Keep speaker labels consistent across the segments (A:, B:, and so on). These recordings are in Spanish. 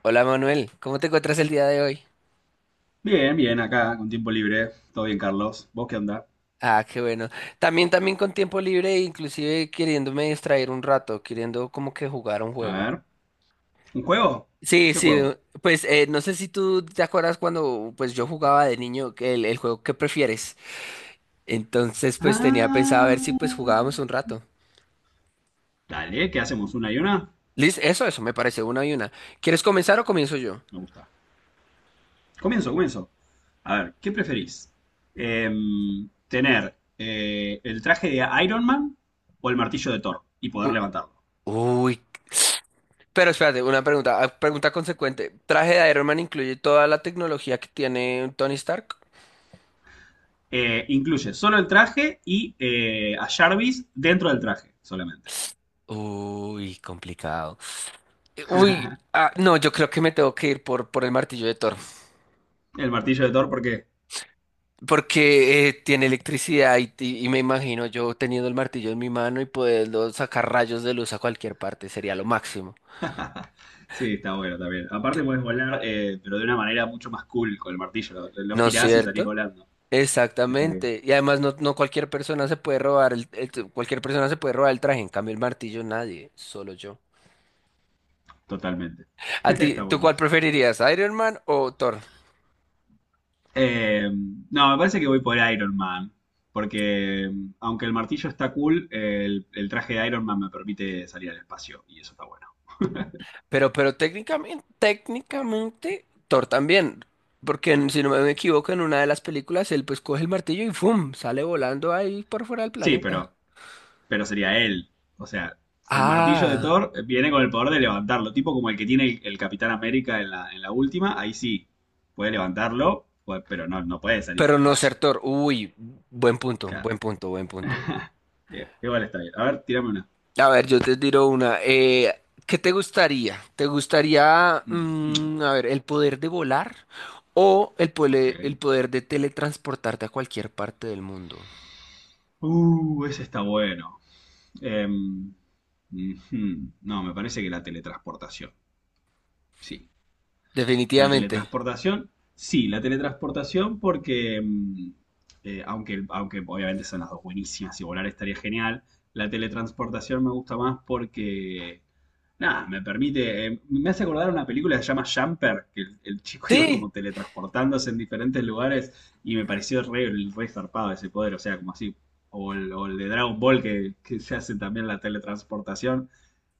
A: Hola Manuel, ¿cómo te encuentras el día de hoy?
B: Bien, bien, acá con tiempo libre. Todo bien, Carlos. ¿Vos qué onda?
A: Ah, qué bueno. También, también con tiempo libre, e inclusive queriéndome distraer un rato, queriendo como que jugar un
B: A
A: juego.
B: ver, ¿un juego?
A: Sí,
B: ¿Qué
A: sí,
B: juego?
A: pues no sé si tú te acuerdas cuando pues yo jugaba de niño que el juego ¿Qué prefieres? Entonces pues tenía pensado a ver si
B: Ah,
A: pues jugábamos un rato.
B: dale, ¿qué hacemos? ¿Una y una?
A: Liz, eso, me parece una y una. ¿Quieres comenzar o comienzo yo?
B: Me gusta. Comienzo, comienzo. A ver, ¿qué preferís? ¿Tener el traje de Iron Man o el martillo de Thor y poder
A: U-
B: levantarlo?
A: Uy. Pero espérate, una pregunta, pregunta consecuente. ¿Traje de Iron Man incluye toda la tecnología que tiene Tony Stark?
B: Incluye solo el traje y a Jarvis dentro del traje solamente.
A: Uy, complicado. Uy, no, yo creo que me tengo que ir por el martillo de Thor,
B: El martillo de Thor, ¿por qué?
A: porque tiene electricidad y me imagino yo teniendo el martillo en mi mano y poderlo sacar rayos de luz a cualquier parte, sería lo máximo,
B: Sí, está bueno también. Aparte puedes volar, pero de una manera mucho más cool con el martillo. Lo
A: ¿no es
B: girás y salís
A: cierto?
B: volando. Está bien.
A: Exactamente, y además no, no cualquier persona se puede robar cualquier persona se puede robar el traje, en cambio el martillo nadie, solo yo.
B: Totalmente.
A: ¿A ti,
B: Está
A: tú
B: bueno
A: cuál
B: eso.
A: preferirías, Iron Man o Thor?
B: Eh, no, me parece que voy por Iron Man. Porque aunque el martillo está cool, el traje de Iron Man me permite salir al espacio. Y eso está bueno.
A: Pero técnicamente, técnicamente, Thor también. Porque si no me equivoco, en una de las películas él pues coge el martillo y ¡fum! Sale volando ahí por fuera del
B: Sí,
A: planeta.
B: pero sería él. O sea, el martillo de
A: Ah,
B: Thor viene con el poder de levantarlo, tipo como el que tiene el Capitán América en la última, ahí sí, puede levantarlo, pero no, no puede salir al
A: pero no ser
B: espacio.
A: Thor. Uy, buen punto,
B: Claro,
A: buen punto, buen punto.
B: bien, igual está bien. A ver, tírame una.
A: A ver, yo te tiro una. ¿Qué te gustaría? ¿Te gustaría,
B: Ujú,
A: mm, a ver, el poder de volar o
B: ok.
A: el poder de teletransportarte a cualquier parte del mundo?
B: Ese está bueno. Em, no, me parece que la teletransportación, sí. La
A: Definitivamente.
B: teletransportación, sí, la teletransportación porque, aunque obviamente son las dos buenísimas y volar estaría genial, la teletransportación me gusta más porque, nada, me permite, me hace acordar una película que se llama Jumper, que el chico iba
A: Sí.
B: como teletransportándose en diferentes lugares y me pareció re zarpado ese poder, o sea, como así, o el de Dragon Ball que se hace también la teletransportación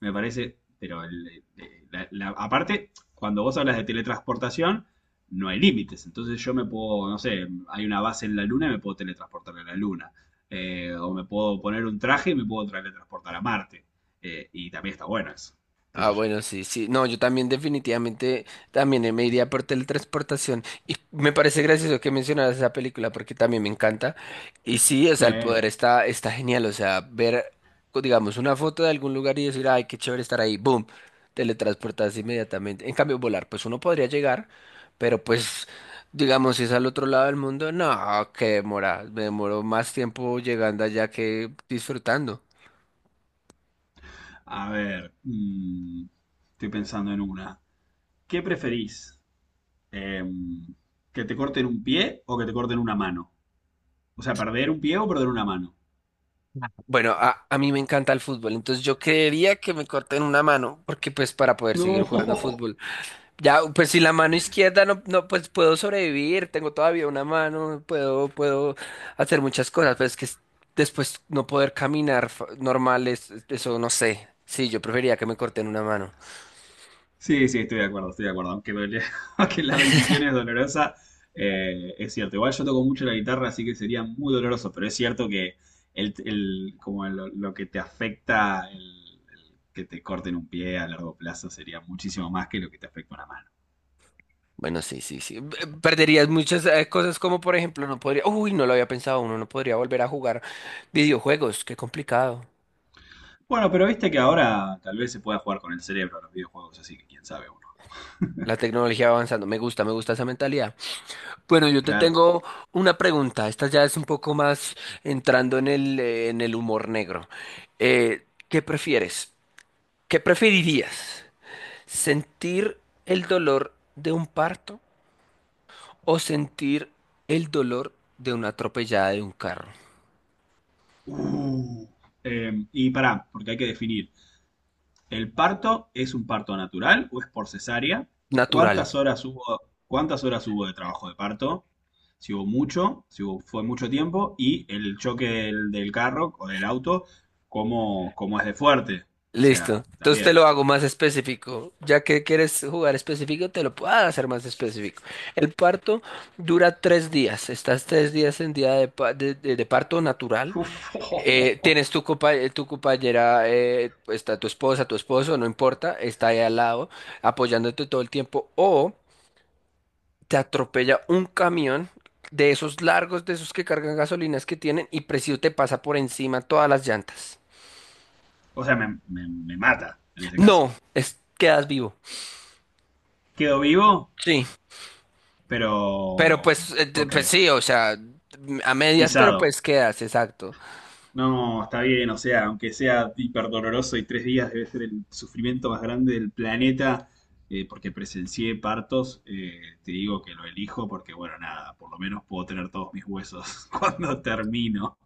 B: me parece, pero aparte, cuando vos hablas de teletransportación, no hay límites. Entonces yo me puedo, no sé, hay una base en la luna y me puedo teletransportar a la luna. O me puedo poner un traje y me puedo teletransportar a Marte. Y también está bueno eso. ¿Qué
A: Ah,
B: sé yo?
A: bueno, sí, sí. No, yo también definitivamente también me iría por teletransportación. Y me parece gracioso que mencionaras esa película porque también me encanta. Y sí, o
B: Sí.
A: sea, el poder está, está genial. O sea, ver, digamos, una foto de algún lugar y decir, ay, qué chévere estar ahí. ¡Boom! Teletransportarse inmediatamente. En cambio, volar, pues uno podría llegar, pero pues, digamos, si es al otro lado del mundo, no, qué demora. Me demoro más tiempo llegando allá que disfrutando.
B: A ver, estoy pensando en una. ¿Qué preferís? Em, ¿Que te corten un pie o que te corten una mano? O sea, perder un pie o perder una mano.
A: Bueno, a mí me encanta el fútbol, entonces yo creería que me corten una mano, porque pues para poder seguir jugando
B: No.
A: fútbol. Ya, pues si la mano izquierda no, no, pues puedo sobrevivir, tengo todavía una mano, puedo, puedo hacer muchas cosas, pero es que después no poder caminar normal, eso no sé. Sí, yo preferiría que me corten una mano.
B: Sí, sí, estoy de acuerdo, estoy de acuerdo. Aunque la decisión es dolorosa, es cierto. Igual yo toco mucho la guitarra, así que sería muy doloroso, pero es cierto que como lo que te afecta el que te corten un pie a largo plazo sería muchísimo más que lo que te afecta una mano.
A: Bueno, sí, sí, sí. Perderías muchas cosas como, por ejemplo, no podría, uy, no lo había pensado, uno no podría volver a jugar videojuegos, qué complicado.
B: Bueno, pero viste que ahora tal vez se pueda jugar con el cerebro a los videojuegos, así que quién sabe uno.
A: La tecnología va avanzando, me gusta esa mentalidad. Bueno, yo te
B: Claro.
A: tengo una pregunta. Esta ya es un poco más entrando en el humor negro. ¿Qué prefieres? ¿Qué preferirías? ¿Sentir el dolor de un parto o sentir el dolor de una atropellada de un carro?
B: Uh, y pará, porque hay que definir. ¿El parto es un parto natural o es por cesárea?
A: Natural.
B: ¿Cuántas horas hubo, ¿cuántas horas hubo de trabajo de parto? Si hubo mucho, si hubo- fue mucho tiempo, y el choque del carro o del auto, ¿cómo es de fuerte? O
A: Listo.
B: sea,
A: Entonces te
B: también.
A: lo hago más específico. Ya que quieres jugar específico, te lo puedo hacer más específico. El parto dura tres días. Estás tres días en día de, de parto natural.
B: Uf,
A: Tienes tu, tu compañera, está tu esposa, tu esposo, no importa, está ahí al lado apoyándote todo el tiempo. O te atropella un camión de esos largos, de esos que cargan gasolinas que tienen y preciso te pasa por encima todas las llantas.
B: O sea, me mata en ese
A: No,
B: caso.
A: es, quedas vivo.
B: Quedo vivo,
A: Sí. Pero
B: pero...
A: pues,
B: Ok,
A: pues sí, o sea, a medias, pero
B: pisado.
A: pues quedas, exacto.
B: No, está bien, o sea, aunque sea hiper doloroso y tres días debe ser el sufrimiento más grande del planeta, porque presencié partos, te digo que lo elijo porque, bueno, nada, por lo menos puedo tener todos mis huesos cuando termino.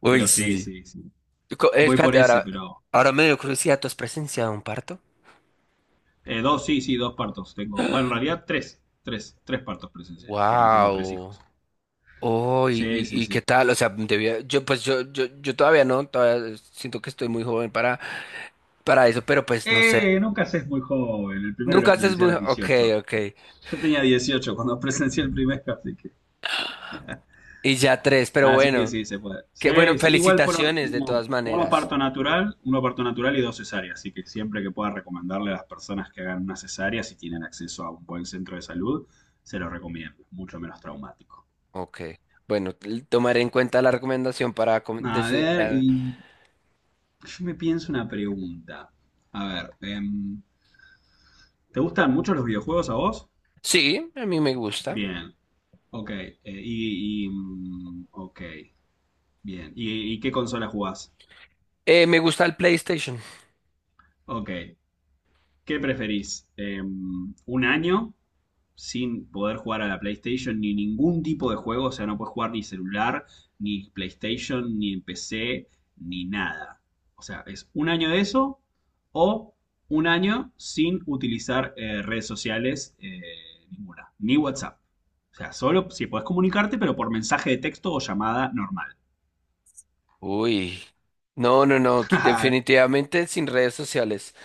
A: Uy,
B: Pero sí,
A: sí.
B: sí, sí. Voy por
A: Espérate,
B: ese,
A: ahora,
B: pero...
A: ahora me dio curiosidad, ¿tú has presenciado un parto?
B: dos, sí, sí, dos partos tengo. Bueno, en realidad tres, tres partos presencié, porque tengo tres
A: Wow.
B: hijos.
A: Oh,
B: Sí, sí,
A: y qué
B: sí.
A: tal, o sea, debía, yo pues yo todavía no, todavía siento que estoy muy joven para eso, pero pues no sé.
B: Nunca se es muy joven, el primero
A: Nunca
B: lo
A: haces
B: presencié a
A: muy,
B: los
A: ok,
B: 18.
A: ok.
B: Yo tenía 18 cuando presencié el primer, así que...
A: Y ya tres, pero
B: Así que
A: bueno,
B: sí, se puede. Sí,
A: qué bueno,
B: sí, igual fueron
A: felicitaciones de todas maneras.
B: uno parto natural y dos cesáreas. Así que siempre que pueda recomendarle a las personas que hagan una cesárea, si tienen acceso a un buen centro de salud, se lo recomiendo. Mucho menos traumático.
A: Ok. Bueno, tomaré en cuenta la recomendación para
B: A
A: decir
B: ver, y yo me pienso una pregunta. A ver, ¿te gustan mucho los videojuegos a vos?
A: sí, a mí me gusta.
B: Bien, ok. Ok, bien. ¿Y qué consola jugás?
A: Me gusta el PlayStation.
B: Ok. ¿Qué preferís? ¿Un año sin poder jugar a la PlayStation ni ningún tipo de juego? O sea, no puedes jugar ni celular, ni PlayStation, ni PC, ni nada. O sea, es un año de eso o un año sin utilizar redes sociales ninguna, ni WhatsApp. O sea, solo si podés comunicarte, pero por mensaje de texto o llamada normal.
A: Uy. No, no, no, definitivamente sin redes sociales.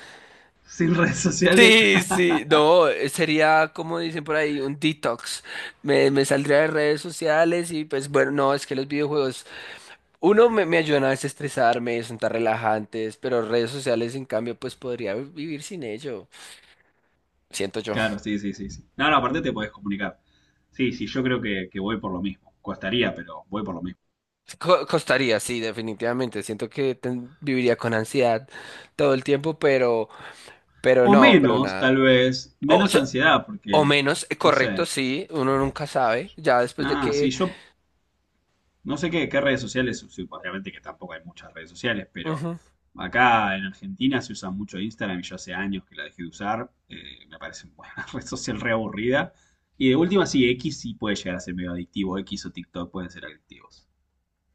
B: sin redes sociales.
A: Sí, sí, no, sería como dicen por ahí, un detox. Me saldría de redes sociales y pues bueno, no, es que los videojuegos, uno me ayudan a desestresarme, son tan relajantes, pero redes sociales en cambio pues podría vivir sin ello, siento yo.
B: Claro, sí, sí, sí, sí. No, no, aparte te podés comunicar. Sí, sí, yo creo que voy por lo mismo. Costaría, pero voy por lo mismo.
A: Costaría, sí, definitivamente, siento que viviría con ansiedad todo el tiempo, pero... Pero
B: O
A: no, pero
B: menos,
A: nada.
B: tal vez,
A: O,
B: menos
A: se-
B: ansiedad,
A: o
B: porque,
A: menos,
B: no
A: correcto,
B: sé,
A: sí, uno nunca sabe, ya después de
B: nada, sí,
A: que...
B: yo no sé qué redes sociales, sí, obviamente que tampoco hay muchas redes sociales, pero
A: Ujú.
B: acá en Argentina se usa mucho Instagram y yo hace años que la dejé de usar, me parece una red social re aburrida. Y de última, sí, X sí puede llegar a ser medio adictivo, X o TikTok pueden ser adictivos.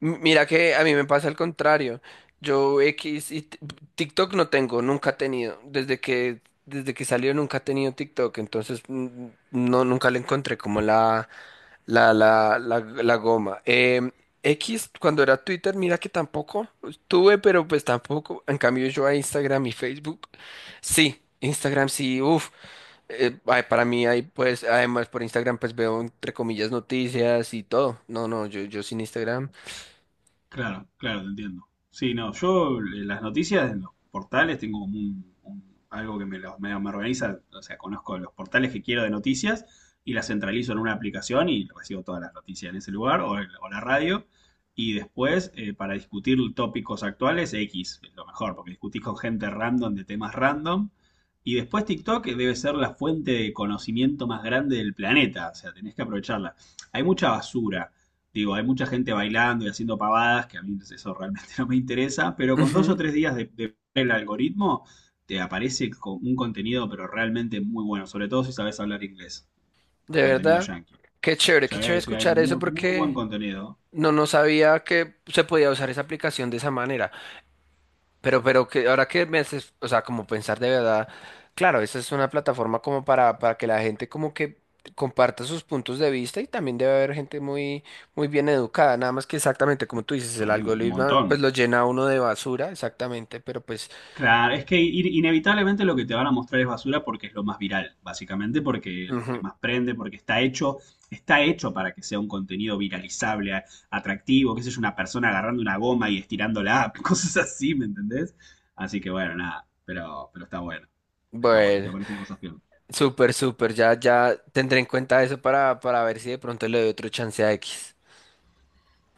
A: Mira que a mí me pasa el contrario. Yo X TikTok no tengo, nunca he tenido. Desde que salió nunca he tenido TikTok, entonces mm, no, nunca le encontré como la goma. X, cuando era Twitter, mira que tampoco tuve, pero pues tampoco. En cambio yo a Instagram y Facebook. Sí, Instagram sí, uff. Ay, para mí hay pues, además por Instagram pues veo entre comillas noticias y todo. No, no, yo sin Instagram.
B: Claro, claro, te entiendo. Sí, no, yo las noticias en los portales tengo como algo que me organiza, o sea, conozco los portales que quiero de noticias y las centralizo en una aplicación y recibo todas las noticias en ese lugar o la radio. Y después, para discutir tópicos actuales, X es lo mejor, porque discutís con gente random de temas random. Y después TikTok debe ser la fuente de conocimiento más grande del planeta, o sea, tenés que aprovecharla. Hay mucha basura. Digo, hay mucha gente bailando y haciendo pavadas, que a mí eso realmente no me interesa, pero con dos o
A: Ujú,
B: tres días de ver el algoritmo, te aparece con un contenido, pero realmente muy bueno, sobre todo si sabes hablar inglés,
A: de
B: contenido
A: verdad.
B: yankee. O
A: Qué
B: sea,
A: chévere
B: hay
A: escuchar eso
B: muy buen
A: porque
B: contenido,
A: no, no sabía que se podía usar esa aplicación de esa manera. Pero que ahora que me haces, o sea, como pensar de verdad, claro, esa es una plataforma como para que la gente como que comparta sus puntos de vista y también debe haber gente muy, muy bien educada, nada más que exactamente como tú dices, el
B: un un
A: algoritmo
B: montón.
A: pues lo llena a uno de basura, exactamente, pero pues
B: Claro, es que inevitablemente lo que te van a mostrar es basura porque es lo más viral, básicamente, porque es lo que
A: ujú.
B: más prende, porque está hecho para que sea un contenido viralizable, atractivo, qué sé yo, una persona agarrando una goma y estirándola, cosas así, ¿me entendés? Así que bueno, nada, pero, está bueno, te
A: Bueno,
B: aparecen cosas peor.
A: súper, súper. Ya, ya tendré en cuenta eso para ver si de pronto le doy otro chance a X.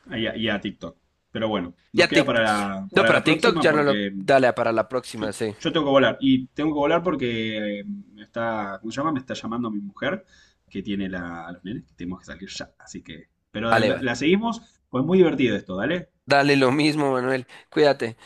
B: Y a TikTok. Pero bueno,
A: Y
B: nos
A: a
B: queda
A: TikTok. No,
B: para
A: para
B: la
A: TikTok
B: próxima
A: ya no lo.
B: porque
A: Dale, para la
B: Yo,
A: próxima, sí.
B: yo tengo que volar y tengo que volar porque me está, ¿cómo se llama? Me está llamando mi mujer que tiene la, a los nenes que tenemos que salir ya. Así que, pero
A: Vale, vale.
B: la seguimos, pues muy divertido esto, ¿dale?
A: Dale lo mismo, Manuel. Cuídate.